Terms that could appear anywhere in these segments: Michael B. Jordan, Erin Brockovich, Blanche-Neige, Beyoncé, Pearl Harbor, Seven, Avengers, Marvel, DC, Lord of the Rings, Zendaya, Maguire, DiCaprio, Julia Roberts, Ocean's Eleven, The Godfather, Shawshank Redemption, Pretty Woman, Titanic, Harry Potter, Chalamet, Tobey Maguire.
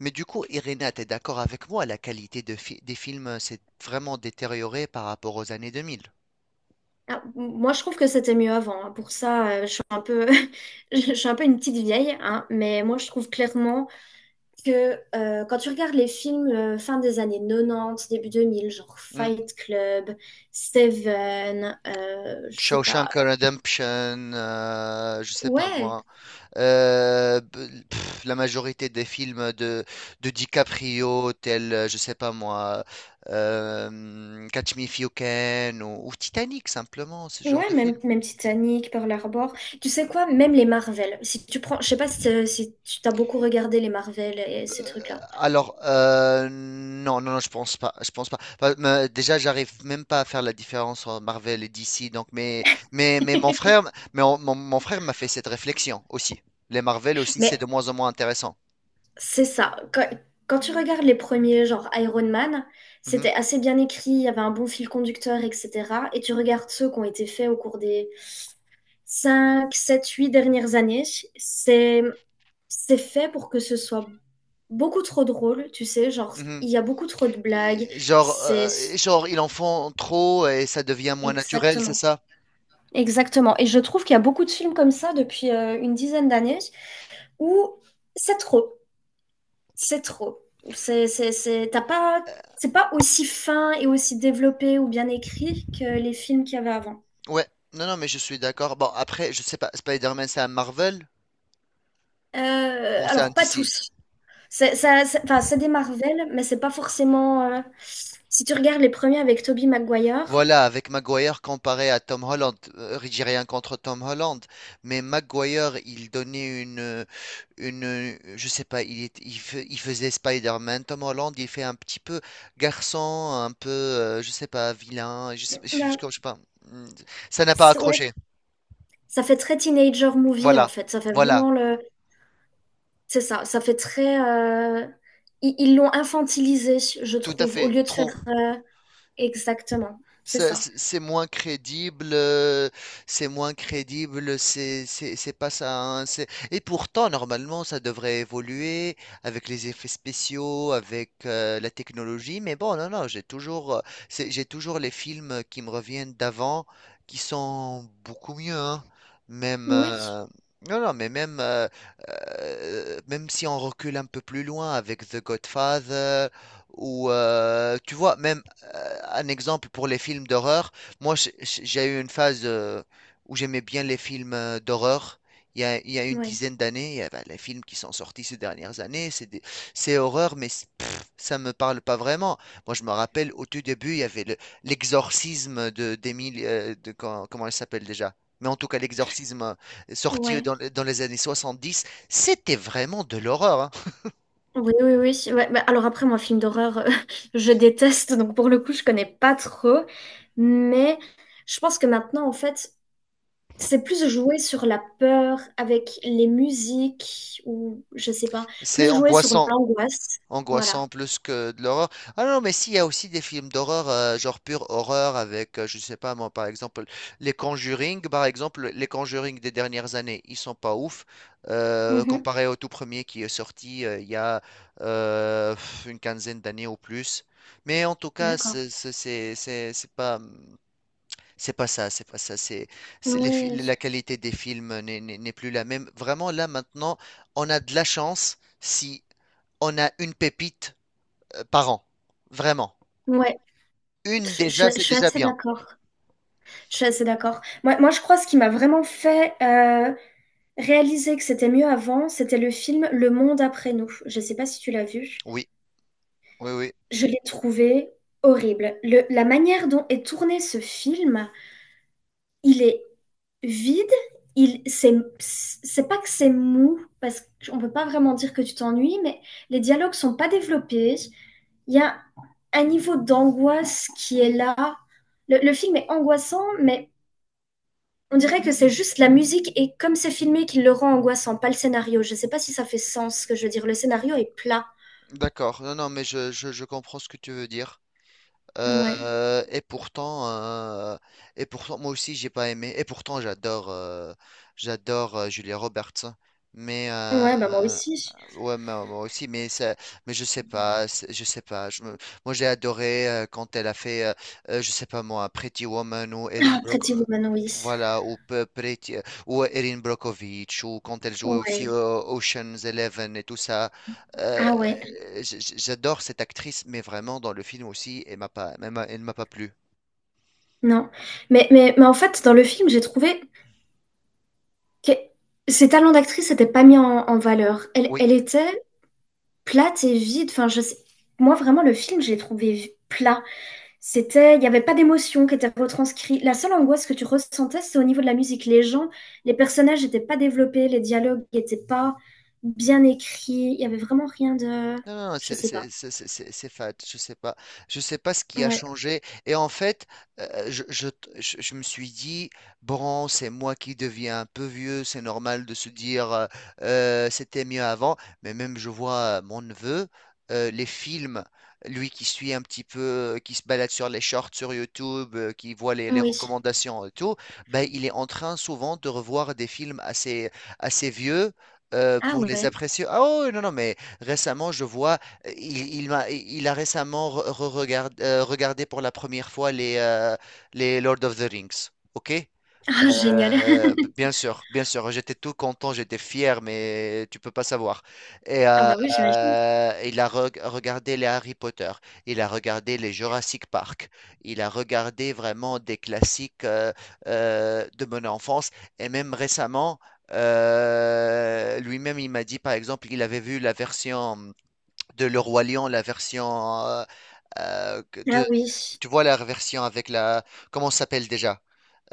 Mais du coup, Irina, t'es d'accord avec moi, la qualité des films, s'est vraiment détériorée par rapport aux années 2000. Ah, moi, je trouve que c'était mieux avant, hein. Pour ça, je suis un peu, je suis un peu une petite vieille, hein, mais moi, je trouve clairement que quand tu regardes les films fin des années 90, début 2000, genre Hmm. Fight Club, Seven, je sais pas. Shawshank Redemption, je sais pas Ouais, moi. La majorité des films de DiCaprio, tels, je sais pas moi, Catch Me If You Can ou Titanic, simplement, ce genre ouais, de même, film. même Titanic, Pearl Harbor. Tu sais quoi, même les Marvel. Si tu prends, je sais pas si tu t'as beaucoup regardé les Marvel et ces trucs-là. Alors, non, non, non, je pense pas, je pense pas. Enfin, déjà, j'arrive même pas à faire la différence entre Marvel et DC, donc, mais mon frère, mon mon frère m'a fait cette réflexion aussi. Les Marvel aussi, c'est de Mais moins en moins intéressant. c'est ça. Quand tu regardes les premiers, genre Iron Man, Mhm, c'était assez bien écrit, il y avait un bon fil conducteur, etc. Et tu regardes ceux qui ont été faits au cours des 5, 7, 8 dernières années, c'est, c'est fait pour que ce soit beaucoup trop drôle, tu sais, genre mhm. il y a beaucoup trop de blagues, Et c'est... genre, ils en font trop et ça devient moins naturel, c'est Exactement. ça? Exactement. Et je trouve qu'il y a beaucoup de films comme ça depuis une dizaine d'années où c'est trop. C'est trop. T'as pas, c'est pas aussi fin et aussi développé ou bien écrit que les films qu'il y avait avant. Ouais, non, non, mais je suis d'accord. Bon, après, je sais pas, Spider-Man, c'est un Marvel Euh, ou c'est un alors, pas DC? tous. Enfin, c'est des Marvel, mais c'est pas forcément. Si tu regardes les premiers avec Tobey Maguire. Voilà, avec Maguire comparé à Tom Holland, j'ai rien contre Tom Holland, mais Maguire, il donnait une, je sais pas, il faisait Spider-Man, Tom Holland, il fait un petit peu garçon, un peu, je sais pas, vilain, bah, je sais pas. Mm. Ça n'a pas ouais, accroché. ça fait très teenager movie en Voilà, fait. Ça fait voilà. vraiment le. C'est ça, ça fait très. Ils l'ont infantilisé, je Tout à trouve, au fait, lieu de trop. faire. Exactement, c'est Ça, ça. C'est moins crédible, c'est moins crédible, c'est pas ça, hein, et pourtant, normalement, ça devrait évoluer avec les effets spéciaux, avec la technologie. Mais bon, non, non, j'ai toujours les films qui me reviennent d'avant qui sont beaucoup mieux, hein. Même, Oui, euh, non, non, mais même si on recule un peu plus loin avec The Godfather, ou tu vois, même un exemple pour les films d'horreur. Moi j'ai eu une phase, où j'aimais bien les films, d'horreur. Il y a une oui, dizaine d'années. Bah, les films qui sont sortis ces dernières années, c'est horreur, ça me parle pas vraiment. Moi, je me rappelle au tout début, il y avait le- l'exorcisme de d'Émile, comment elle s'appelle déjà? Mais en tout cas, l'exorcisme, sorti ouais. Dans les années 70. C'était vraiment de l'horreur, hein. Oui, oui, oui. Ouais, bah, alors après, moi, film d'horreur, je déteste, donc pour le coup, je connais pas trop. Mais je pense que maintenant, en fait, c'est plus jouer sur la peur avec les musiques ou je sais pas, C'est plus jouer sur angoissant. l'angoisse. Angoissant Voilà. plus que de l'horreur. Ah non, mais s'il y a aussi des films d'horreur, genre pure horreur avec, je sais pas moi, par exemple, les Conjuring, par exemple, les Conjuring des dernières années, ils sont pas ouf, Mhm. comparé au tout premier qui est sorti il y a euh, une quinzaine d'années ou plus. Mais en tout cas, D'accord. C'est pas. C'est pas ça, c'est pas ça. La Ouais. qualité des films n'est plus la même. Vraiment, là, maintenant, on a de la chance si on a une pépite, par an. Vraiment. Ouais, Une déjà, je c'est suis déjà assez bien. d'accord. Je suis assez d'accord. Moi, je crois ce qui m'a vraiment fait réaliser que c'était mieux avant, c'était le film Le Monde après nous. Je sais pas si tu l'as vu. Oui, oui, oui. Je l'ai trouvé horrible. La manière dont est tourné ce film, il est vide. C'est pas que c'est mou, parce qu'on peut pas vraiment dire que tu t'ennuies, mais les dialogues sont pas développés. Il y a un niveau d'angoisse qui est là. Le film est angoissant, mais on dirait que c'est juste la musique et comme c'est filmé qui le rend angoissant, pas le scénario. Je sais pas si ça fait sens ce que je veux dire. Le scénario est plat. D'accord. Non, non, mais je comprends ce que tu veux dire. Ouais. Et pourtant, moi aussi, j'ai pas aimé. Et pourtant, j'adore, Julia Roberts. Mais Ouais, bah moi aussi. ouais, moi aussi. Mais je sais pas, je sais pas. Moi, j'ai adoré, quand elle a fait, je sais pas moi, Pretty Woman ou Erin Ah, Pretty Brockovich. Woman, oui. Voilà, ou Erin Brockovich, ou quand elle jouait aussi, Ouais. Ocean's Eleven et tout ça. Euh, Ah ouais, J'adore cette actrice, mais vraiment dans le film aussi, elle m'a pas plu. non. Mais en fait, dans le film, j'ai trouvé que ses talents d'actrice n'étaient pas mis en valeur. Oui. Elle était plate et vide. Moi, vraiment, le film, je l'ai trouvé plat. C'était. Il n'y avait pas d'émotion qui était retranscrite. La seule angoisse que tu ressentais, c'est au niveau de la musique. Les personnages n'étaient pas développés, les dialogues n'étaient pas bien écrits. Il n'y avait vraiment rien de. Non, non, non, Je sais pas. C'est fade. Je sais pas. Je sais pas ce qui a Ouais. changé. Et en fait, euh, je, je, je me suis dit, bon, c'est moi qui deviens un peu vieux. C'est normal de se dire, c'était mieux avant. Mais même, je vois, mon neveu, les films, lui qui suit un petit peu, qui se balade sur les shorts sur YouTube, qui voit les Oui. recommandations et tout. Ben, il est en train souvent de revoir des films assez vieux, pour les Ouais. apprécier. Ah, oh, non, non, mais récemment, je vois, il a récemment regardé pour la première fois les Lord of the Rings. OK? Ah, génial. Bien sûr, bien sûr, j'étais tout content, j'étais fier, mais tu peux pas savoir. Et Ah bah oui, j'imagine. Il a regardé les Harry Potter, il a regardé les Jurassic Park, il a regardé vraiment des classiques, de mon enfance, et même récemment, lui-même il m'a dit par exemple qu'il avait vu la version de Le Roi Lion, la version, euh, que- Ah de, oui. tu vois la version avec la, comment ça s'appelle déjà?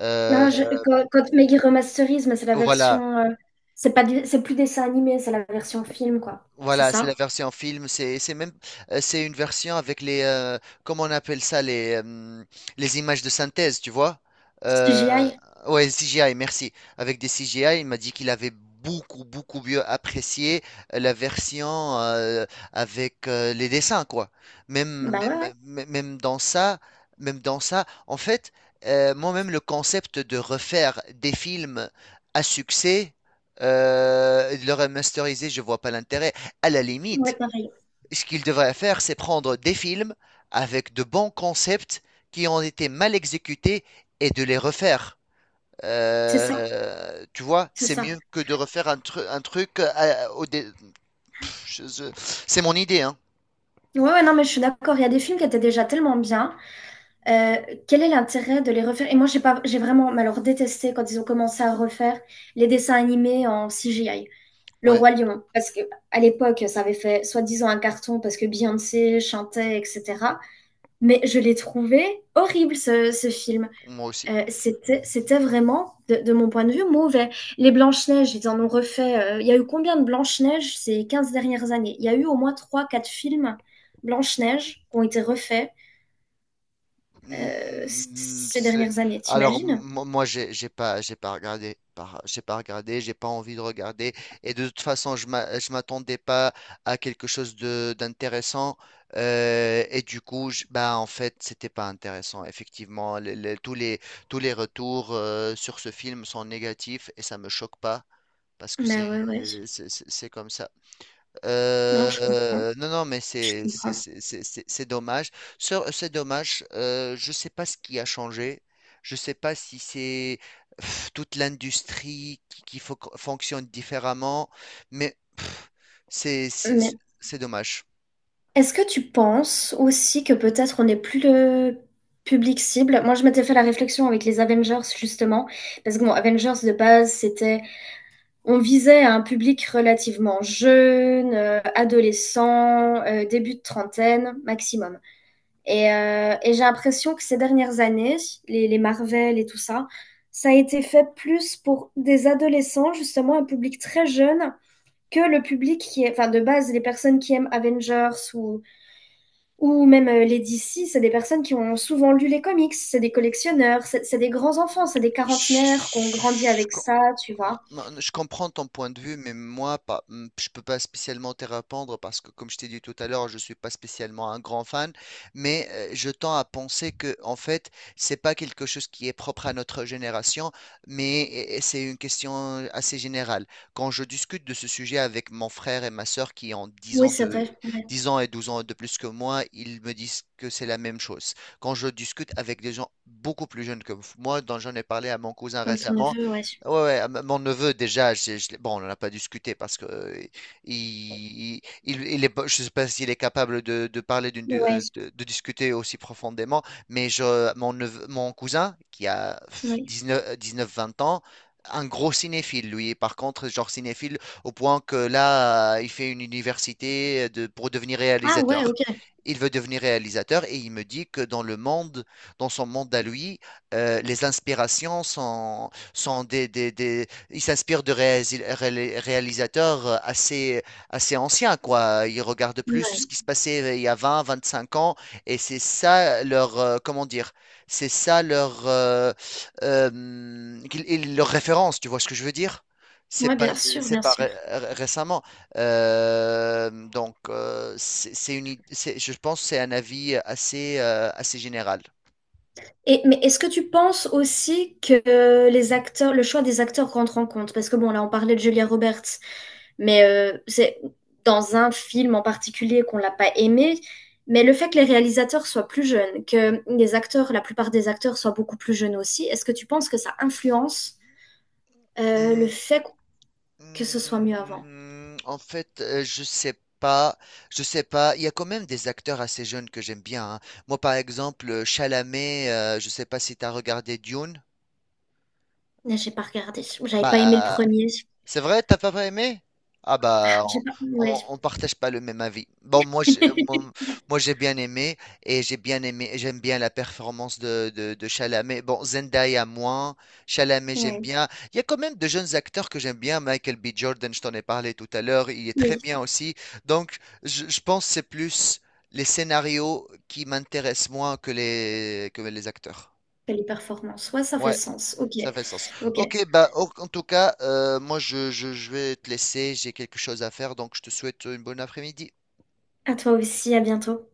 Euh, Là, quand, quand Maggie remasterise, mais c'est la voilà. version. C'est pas du- C'est plus dessin animé, c'est la version film, quoi. C'est Voilà, c'est la ça? version film. C'est une version avec les, comment on appelle ça, les images de synthèse, tu vois? Euh, CGI? ouais, CGI, merci. Avec des CGI, il m'a dit qu'il avait beaucoup beaucoup mieux apprécié, la version, avec les dessins quoi. Même Bah ouais, ouais, même même même dans ça, en fait, moi-même le concept de refaire des films à succès, et de le remasteriser, je vois pas l'intérêt. À la ouais, limite, pareil. ce qu'il devrait faire, c'est prendre des films avec de bons concepts qui ont été mal exécutés et de les refaire. C'est ça, Tu vois, c'est c'est ça. mieux que de refaire un truc. Pff, je- je- C'est mon idée, hein. Ouais, ouais, non, mais je suis d'accord. Il y a des films qui étaient déjà tellement bien. Euh, Quel est l'intérêt de les refaire? Et moi, j'ai pas, j'ai vraiment, mais alors, détesté quand ils ont commencé à refaire les dessins animés en CGI. Le Ouais, Roi Lion, parce que à l'époque, ça avait fait soi-disant un carton parce que Beyoncé chantait, etc. Mais je l'ai trouvé horrible, ce film. moi aussi. C'était vraiment, de mon point de vue, mauvais. Les Blanches-Neiges, ils en ont refait. Il y a eu combien de Blanches-Neiges ces 15 dernières années? Il y a eu au moins trois quatre films Blanche-Neige qui ont été refaits Hmm, ces c'est- dernières années, Alors t'imagines? Moi j'ai pas regardé par- j'ai pas regardé j'ai pas envie de regarder, et de toute façon je m'attendais pas à quelque chose de d'intéressant, et du coup bah en fait c'était pas intéressant, effectivement. Tous les tous les retours, sur ce film sont négatifs et ça me choque pas, parce que Bah ouais, ouais. C'est comme ça. Non, je comprends, Non, non, mais je comprends. C'est dommage. C'est dommage. Je sais pas ce qui a changé. Je sais pas si c'est, toute l'industrie qui fonctionne différemment, mais c'est c'est Mais c'est dommage. est-ce que tu penses aussi que peut-être on n'est plus le public cible? Moi, je m'étais fait la réflexion avec les Avengers, justement, parce que bon, Avengers de base, c'était. On visait à un public relativement jeune, adolescent, début de trentaine maximum. Et j'ai l'impression que ces dernières années, les Marvel et tout ça, ça a été fait plus pour des adolescents, justement un public très jeune, que le public qui est, enfin de base, les personnes qui aiment Avengers ou même les DC, c'est des personnes qui ont souvent lu les comics, c'est des collectionneurs, c'est des grands enfants, c'est des quarantenaires qui ont grandi Je, avec ça, tu non, vois. non, je comprends ton point de vue, mais moi, pas, je peux pas spécialement te répondre parce que, comme je t'ai dit tout à l'heure, je suis pas spécialement un grand fan, mais je tends à penser que, en fait, c'est pas quelque chose qui est propre à notre génération, mais c'est une question assez générale. Quand je discute de ce sujet avec mon frère et ma sœur qui ont Oui, c'est vrai. 10 ans et 12 ans de plus que moi, ils me disent que c'est la même chose. Quand je discute avec des gens beaucoup plus jeunes que moi, dont j'en ai parlé à mon cousin Comme ton récemment, neveu, ouais. ouais, ouais, mon neveu déjà, bon, on n'en a pas discuté parce que il est, pas- je sais pas s'il est capable de parler Ouais, de discuter aussi profondément, mais mon cousin qui a oui. 19, 19, 20 ans, un gros cinéphile, lui. Par contre, genre cinéphile au point que là, il fait une université pour devenir Ah ouais, réalisateur. ok. Il veut devenir réalisateur et il me dit que dans le monde, dans son monde à lui, les inspirations sont, sont des- il s'inspire de réalisateurs assez anciens, quoi. Il regarde plus Ouais. ce qui se passait, il y a 20, 25 ans et c'est ça leur, comment dire? C'est ça leur... qu'il- il- leur référence, tu vois ce que je veux dire? C'est Ouais, pas, bien sûr, c'est bien pas sûr. ré- ré- récemment. Donc, c'est une, id- c'est- je pense que c'est un avis assez, assez général. Et, mais est-ce que tu penses aussi que les acteurs, le choix des acteurs rentre en compte? Parce que bon, là, on parlait de Julia Roberts, mais c'est dans un film en particulier qu'on l'a pas aimé. Mais le fait que les réalisateurs soient plus jeunes, que les acteurs, la plupart des acteurs soient beaucoup plus jeunes aussi, est-ce que tu penses que ça influence le Hmm, fait que ce soit mieux avant? En fait, je sais pas, je sais pas. Il y a quand même des acteurs assez jeunes que j'aime bien, hein. Moi, par exemple, Chalamet. Je sais pas si tu as regardé Dune. Là, j'ai pas regardé. J'avais pas aimé le Bah, premier. c'est vrai, t'as pas aimé? Ah bah, J'ai pas. Ouais. On partage pas le même avis. Bon, moi, j'ai bien aimé et j'ai bien aimé, j'aime bien la performance de Chalamet. Bon, Zendaya moins, Chalamet j'aime Oui, bien. Il y a quand même de jeunes acteurs que j'aime bien. Michael B. Jordan, je t'en ai parlé tout à l'heure, il est très oui, bien aussi. Donc, je pense que c'est plus les scénarios qui m'intéressent moins que les acteurs. les performances. Ouais, ça fait Ouais. sens. Ok, Ça fait sens. ok. Ok, bah en tout cas, moi je vais te laisser, j'ai quelque chose à faire, donc je te souhaite une bonne après-midi. À toi aussi, à bientôt.